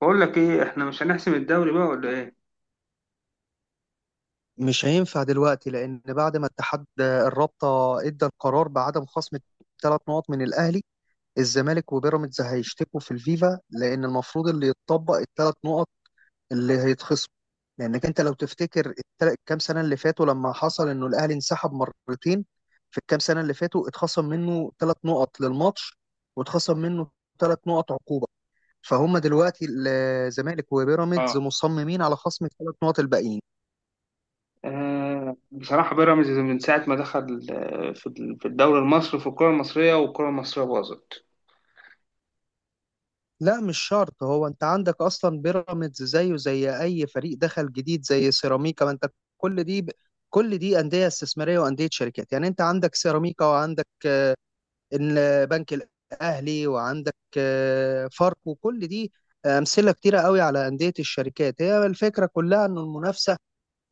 بقول لك ايه؟ احنا مش هنحسم الدوري بقى ولا ايه؟ مش هينفع دلوقتي لأن بعد ما اتحاد الرابطة ادى القرار بعدم خصم ثلاث نقط من الأهلي، الزمالك وبيراميدز هيشتكوا في الفيفا لأن المفروض اللي يتطبق الثلاث نقط اللي هيتخصم. لأنك أنت لو تفتكر الكام سنة اللي فاتوا لما حصل إنه الأهلي انسحب مرتين. في الكام سنة اللي فاتوا اتخصم منه ثلاث نقط للماتش واتخصم منه ثلاث نقط عقوبة. فهم دلوقتي الزمالك وبيراميدز اه. مصممين على خصم الثلاث نقط الباقيين. بصراحه بيراميدز من ساعه ما دخل، في الدوري المصري، في الكره المصريه، والكره المصريه باظت. لا، مش شرط. هو انت عندك اصلا بيراميدز زيه زي اي فريق دخل جديد زي سيراميكا. ما انت كل دي كل دي انديه استثماريه وانديه شركات، يعني انت عندك سيراميكا وعندك البنك الاهلي وعندك فاركو، وكل دي امثله كتيره قوي على انديه الشركات. هي الفكره كلها ان المنافسه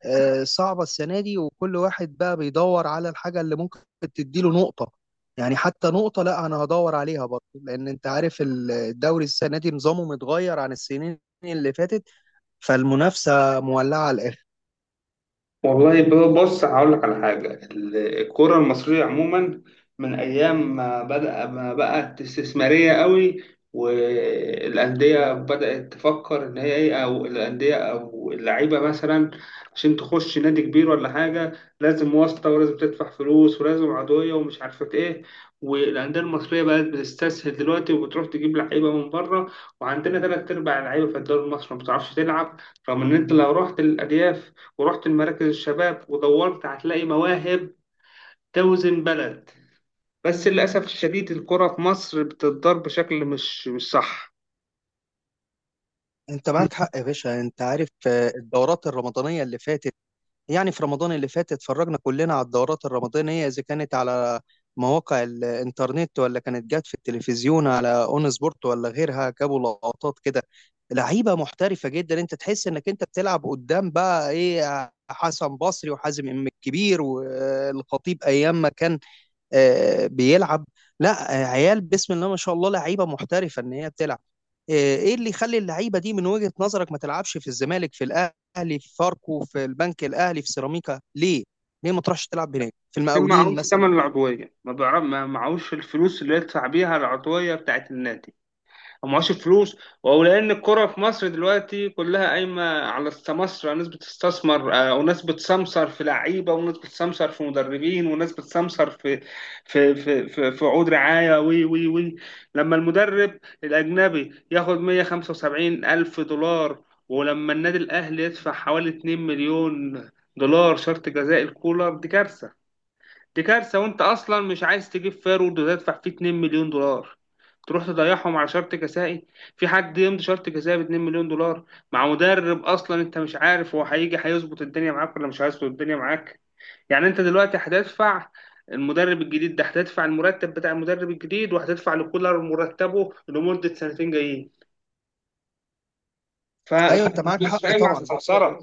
صعبة السنة دي، وكل واحد بقى بيدور على الحاجة اللي ممكن تديله نقطة. يعني حتى نقطة لا أنا هدور عليها برضه، لأن أنت عارف الدوري السنة دي نظامه متغير عن السنين اللي فاتت، فالمنافسة مولعة على الآخر. والله، بص هقول لك على حاجة، الكرة المصرية عموما من أيام ما بدأ، ما بقت استثمارية قوي، والأندية بدأت تفكر إن هي إيه، أو الأندية أو اللعيبة مثلا، عشان تخش نادي كبير ولا حاجة لازم واسطة، ولازم تدفع فلوس، ولازم عضوية ومش عارفة إيه. والأندية المصرية بقت بتستسهل دلوقتي وبتروح تجيب لعيبة من بره، وعندنا تلات أرباع اللعيبة في الدوري المصري ما بتعرفش تلعب، رغم إن أنت لو رحت الأرياف ورحت لمراكز الشباب ودورت هتلاقي مواهب توزن بلد. بس للأسف الشديد الكرة في مصر بتتضرب بشكل مش صح. أنت معاك حق يا باشا. أنت عارف الدورات الرمضانية اللي فاتت، يعني في رمضان اللي فات اتفرجنا كلنا على الدورات الرمضانية، إذا كانت على مواقع الإنترنت ولا كانت جت في التلفزيون على أون سبورت ولا غيرها، جابوا لقطات كده لعيبة محترفة جدا. أنت تحس إنك أنت بتلعب قدام بقى إيه، حسن بصري وحازم إمام الكبير والخطيب أيام ما كان بيلعب. لا، عيال بسم الله ما شاء الله لعيبه محترفه ان هي بتلعب. ايه اللي يخلي اللعيبه دي من وجهه نظرك ما تلعبش في الزمالك، في الاهلي، في فاركو، في البنك الاهلي، في سيراميكا؟ ليه ليه ما تروحش تلعب هناك في كان المقاولين معهوش مثلا؟ تمن العضوية، ما بيعرف، ما معهوش الفلوس اللي يدفع بيها العضوية بتاعت النادي، ومعهوش فلوس. ولان الكرة في مصر دلوقتي كلها قايمة على السمسرة، ناس بتستثمر، وناس بتسمسر في لعيبة، وناس بتسمسر في مدربين، وناس بتسمسر في عقود رعاية، وي وي وي لما المدرب الأجنبي ياخد 175 ألف دولار، ولما النادي الأهلي يدفع حوالي 2 مليون دولار شرط جزاء الكولر، دي كارثة. دي كارثة. وانت اصلا مش عايز تجيب فارورد وتدفع فيه 2 مليون دولار، تروح تضيعهم على شرط كسائي. في حد يمضي شرط كسائي ب 2 مليون دولار مع مدرب اصلا انت مش عارف هو هيجي هيظبط الدنيا معاك ولا مش هيظبط الدنيا معاك؟ يعني انت دلوقتي هتدفع المدرب الجديد ده، هتدفع المرتب بتاع المدرب الجديد، وهتدفع لكولر مرتبه لمدة سنتين جايين. ايوه انت معاك فالناس حق فاهم على طبعا. السعسرة.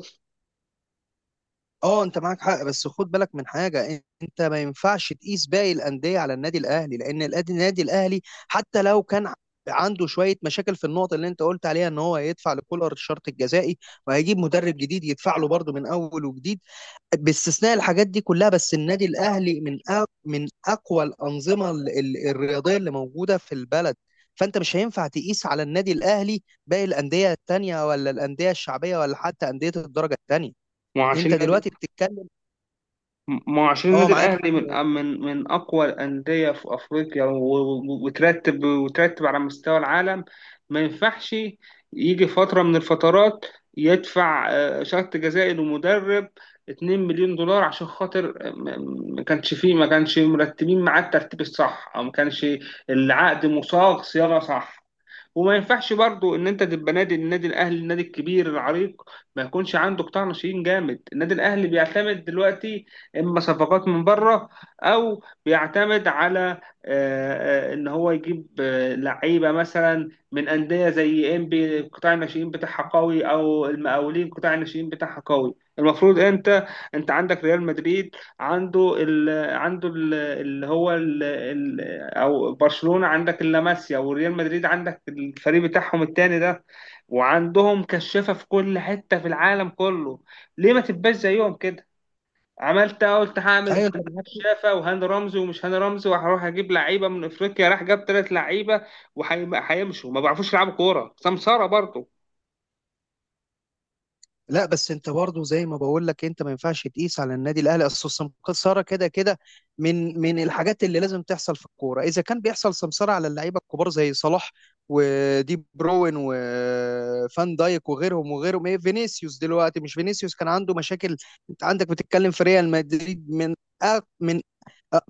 اه انت معاك حق، بس خد بالك من حاجه، انت ما ينفعش تقيس باقي الانديه على النادي الاهلي، لان النادي الاهلي حتى لو كان عنده شويه مشاكل في النقطه اللي انت قلت عليها ان هو هيدفع لكولر الشرط الجزائي وهيجيب مدرب جديد يدفع له برضه من اول وجديد، باستثناء الحاجات دي كلها بس النادي الاهلي من من اقوى الانظمه الرياضيه اللي موجوده في البلد. فانت مش هينفع تقيس على النادي الاهلي باقي الانديه التانيه، ولا الانديه الشعبيه، ولا حتى انديه الدرجه التانيه. انت وعشان دلوقتي بتتكلم. ما هو عشان اه، النادي معاك. الاهلي من اقوى الانديه في افريقيا، وترتب، وترتب على مستوى العالم. ما ينفعش يجي فتره من الفترات يدفع شرط جزائي لمدرب 2 مليون دولار عشان خاطر، ما كانش فيه، ما كانش مرتبين معاه الترتيب الصح، او ما كانش العقد مصاغ صياغه صح. وما ينفعش برضو ان انت تبقى نادي، النادي الاهلي، النادي الكبير العريق، ما يكونش عنده قطاع ناشئين جامد. النادي الاهلي بيعتمد دلوقتي اما صفقات من بره، او بيعتمد على ان هو يجيب لعيبه مثلا من انديه زي انبي، قطاع الناشئين بتاعها قوي، او المقاولين قطاع الناشئين بتاعها قوي. المفروض انت، انت عندك ريال مدريد، عنده ال، عنده اللي هو ال، او برشلونة عندك اللاماسيا، وريال مدريد عندك الفريق بتاعهم التاني ده، وعندهم كشافة في كل حتة في العالم كله. ليه ما تبقاش زيهم كده؟ عملت إيه؟ قلت هعمل ايوه انت معاك. كشافة وهاني رمزي ومش هاني رمزي، وهروح اجيب لعيبة من افريقيا، راح جاب تلات لعيبة وهيمشوا، ما بيعرفوش يلعبوا كورة. سمسارة برضه. لا، بس انت برضه زي ما بقول لك انت ما ينفعش تقيس على النادي الاهلي. اصل السمسره كده كده من الحاجات اللي لازم تحصل في الكوره، اذا كان بيحصل سمسره على اللعيبه الكبار زي صلاح ودي بروين وفان دايك وغيرهم وغيرهم. ايه فينيسيوس دلوقتي؟ مش فينيسيوس كان عنده مشاكل؟ انت عندك بتتكلم في ريال مدريد من أق- من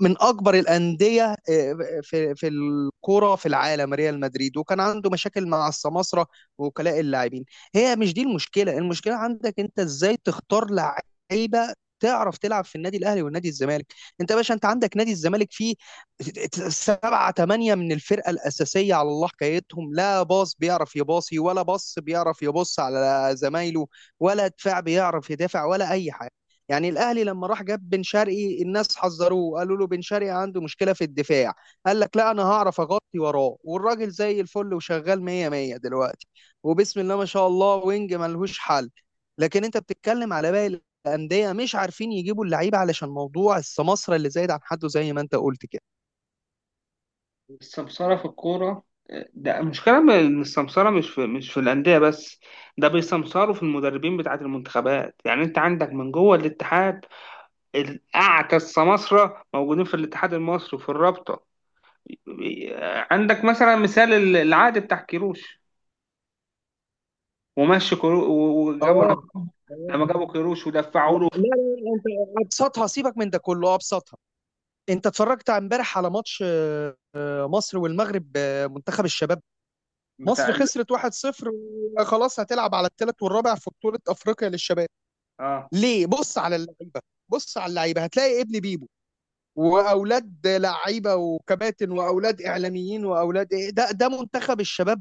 من اكبر الانديه آه، في الكوره في العالم. ريال مدريد وكان عنده مشاكل مع السماسره ووكلاء اللاعبين. هي مش دي المشكله؟ المشكله عندك انت ازاي تختار لعيبه تعرف تلعب في النادي الاهلي والنادي الزمالك. انت يا باشا، انت عندك نادي الزمالك فيه سبعة تمانية من الفرقه الاساسيه على الله حكايتهم، لا باص بيعرف يباصي، ولا بص بيعرف يبص على زمايله، ولا دفاع بيعرف يدافع، ولا اي حاجه. يعني الاهلي لما راح جاب بن شرقي الناس حذروه قالوا له بن شرقي عنده مشكله في الدفاع، قال لك لا انا هعرف اغطي وراه، والراجل زي الفل وشغال 100 100 دلوقتي وبسم الله ما شاء الله، وينج ملهوش حل. لكن انت بتتكلم على باقي الانديه مش عارفين يجيبوا اللعيبه علشان موضوع السماسره اللي زايد عن حده زي ما انت قلت كده. السمسرة في الكورة، ده المشكلة. إن السمسرة مش في الأندية بس، ده بيسمسروا في المدربين بتاعة المنتخبات. يعني أنت عندك من جوه الاتحاد، الأعتى السماسرة موجودين في الاتحاد المصري وفي الرابطة. عندك مثلا مثال العقد بتاع كيروش، ومشي كيروش، اه. وجابوا، آه. لما جابوا كيروش لا ودفعوا له لا لا، انت ابسطها، سيبك من ده كله. ابسطها، انت اتفرجت امبارح على ماتش مصر والمغرب، منتخب الشباب. بتاع مصر ال... خسرت 1-0 وخلاص هتلعب على الثالث والرابع في بطولة أفريقيا للشباب. اه. ليه؟ بص على اللعيبة. بص على اللعيبة هتلاقي ابن بيبو، وأولاد لعيبة وكباتن، وأولاد إعلاميين، وأولاد إيه. ده ده منتخب الشباب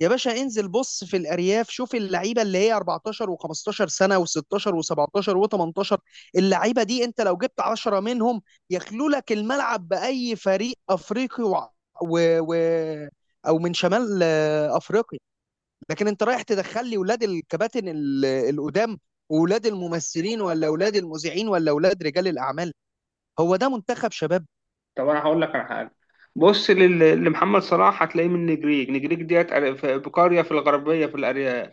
يا باشا؟ انزل بص في الأرياف، شوف اللعيبة اللي هي 14 و15 سنة و16 و17 و18. اللعيبة دي أنت لو جبت 10 منهم يخلو لك الملعب بأي فريق أفريقي، و... و... أو من شمال أفريقيا. لكن انت رايح تدخل لي ولاد الكباتن القدام، واولاد الممثلين، ولا اولاد المذيعين، ولا اولاد رجال الاعمال. هو ده منتخب شباب؟ طب انا هقول لك على حاجه. بص لل...، لمحمد صلاح هتلاقيه من نجريج، نجريج ديت، في-، بقريه في الغربيه في الأري...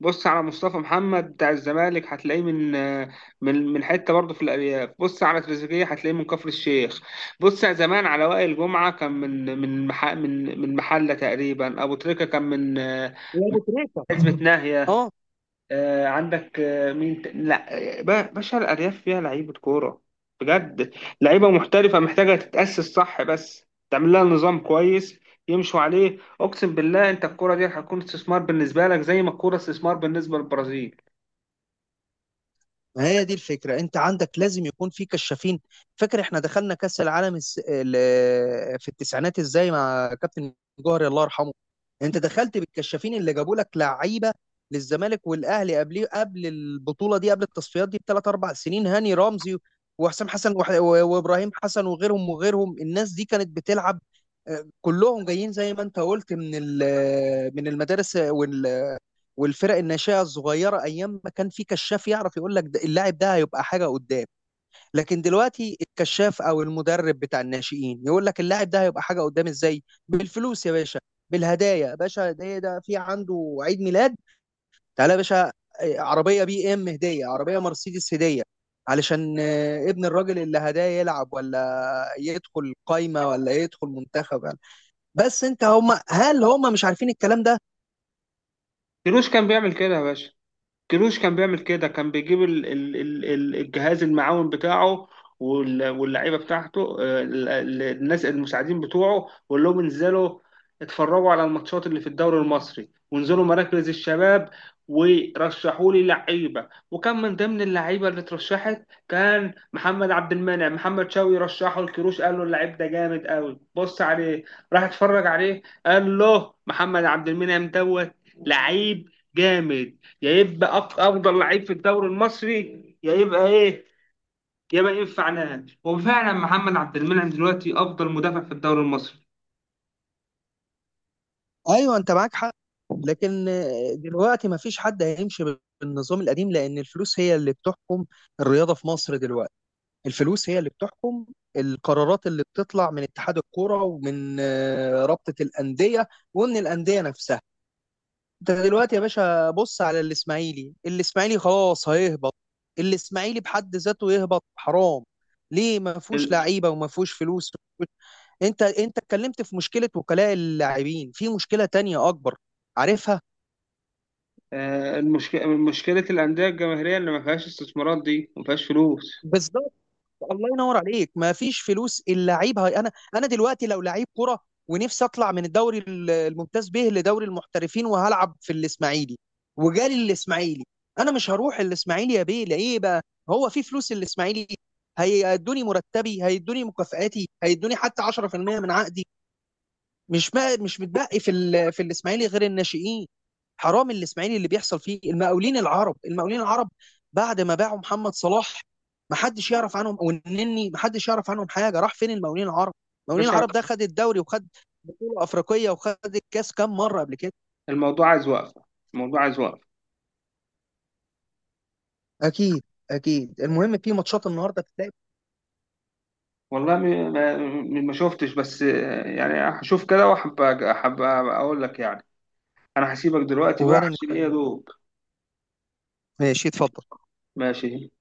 بص على مصطفى محمد بتاع الزمالك هتلاقيه من، من حته برضه في الارياف. بص على تريزيجيه هتلاقيه من كفر الشيخ. بص على زمان على وائل جمعه، كان من، من مح...، من محله تقريبا. ابو تريكه كان من يا ابو تريكه. حزمه ناهيه. اه. عندك، مين ت... لا، باشا، الارياف فيها لعيبه كوره بجد، لعيبه محترفه، محتاجه تتاسس صح، بس تعمل لها نظام كويس يمشوا عليه. اقسم بالله انت الكوره دي هتكون استثمار بالنسبه لك زي ما الكوره استثمار بالنسبه للبرازيل. ما هي دي الفكرة، انت عندك لازم يكون في كشافين. فاكر احنا دخلنا كأس العالم في التسعينات ازاي، مع كابتن جوهري الله يرحمه؟ انت دخلت بالكشافين اللي جابوا لك لعيبة للزمالك والاهلي قبل البطولة دي، قبل التصفيات دي بثلاث اربع سنين. هاني رمزي وحسام حسن وابراهيم حسن وغيرهم وغيرهم. الناس دي كانت بتلعب كلهم جايين زي ما انت قلت من من المدارس والفرق الناشئه الصغيره، ايام ما كان في كشاف يعرف يقول لك اللاعب ده هيبقى حاجه قدام. لكن دلوقتي الكشاف او المدرب بتاع الناشئين يقول لك اللاعب ده هيبقى حاجه قدام ازاي؟ بالفلوس يا باشا، بالهدايا يا باشا. هديه، ده في عنده عيد ميلاد، تعالى يا باشا. عربيه بي ام هديه، عربيه مرسيدس هديه، علشان ابن الراجل اللي هداه يلعب، ولا يدخل قايمه، ولا يدخل منتخب. بس انت هم، هل هم مش عارفين الكلام ده؟ كيروش كان بيعمل كده يا باشا، كيروش كان بيعمل كده، كان بيجيب الجهاز المعاون بتاعه، وال- واللعيبه بتاعته، الناس المساعدين بتوعه، ويقول لهم انزلوا اتفرجوا على الماتشات اللي في الدوري المصري، وانزلوا مراكز الشباب ورشحوا لي لعيبه. وكان من ضمن اللعيبه اللي اترشحت كان محمد عبد المنعم. محمد شوقي رشحه لكيروش، قال له اللعيب ده جامد قوي بص عليه، راح اتفرج عليه قال له محمد عبد المنعم دوت لعيب جامد، يا يبقى افضل لعيب في الدوري المصري، يا يبقى ايه، يا ما ينفع نهائي. وفعلا محمد عبد المنعم دلوقتي افضل مدافع في الدوري المصري. ايوه انت معاك حق، لكن دلوقتي ما فيش حد هيمشي بالنظام القديم، لأن الفلوس هي اللي بتحكم الرياضة في مصر دلوقتي. الفلوس هي اللي بتحكم القرارات اللي بتطلع من اتحاد الكرة، ومن رابطة الأندية، ومن الأندية نفسها. انت دلوقتي يا باشا بص على الإسماعيلي. الإسماعيلي خلاص هيهبط. الإسماعيلي بحد ذاته يهبط حرام. ليه؟ ما فيهوش ال- لعيبة وما فيهوش فلوس. انت اتكلمت في مشكلة وكلاء اللاعبين، في مشكلة تانية أكبر، عارفها؟ المشكله مشكله الانديه الجماهيريه اللي ما فيهاش استثمارات دي، وما فيهاش فلوس. بالظبط، الله ينور عليك، ما فيش فلوس. اللعيب هي انا دلوقتي لو لعيب كرة ونفسي اطلع من الدوري الممتاز به لدوري المحترفين وهلعب في الاسماعيلي، وجالي الاسماعيلي، انا مش هروح الاسماعيلي يا بيه. ليه بقى؟ هو في فلوس الاسماعيلي؟ هيدوني مرتبي، هيدوني مكافآتي، هيدوني حتى 10% من عقدي؟ مش متبقي في الاسماعيلي غير الناشئين. حرام الاسماعيلي اللي بيحصل فيه. المقاولين العرب، المقاولين العرب بعد ما باعوا محمد صلاح ما حدش يعرف عنهم، والنني ما حدش يعرف عنهم حاجه. راح فين المقاولين العرب؟ المقاولين باشا، العرب ده خد الدوري، وخد بطوله افريقيه، وخد الكاس كام مره قبل كده. الموضوع عايز وقفه، الموضوع عايز وقفه. اكيد. اكيد. المهم في ماتشات النهارده بتتلعب. والله، ما شفتش بس، يعني هشوف كده، وحب حب اقول لك يعني. انا هسيبك دلوقتي بقى وانا عشان ايه، يا مستني. دوب. ماشي اتفضل. ماشي.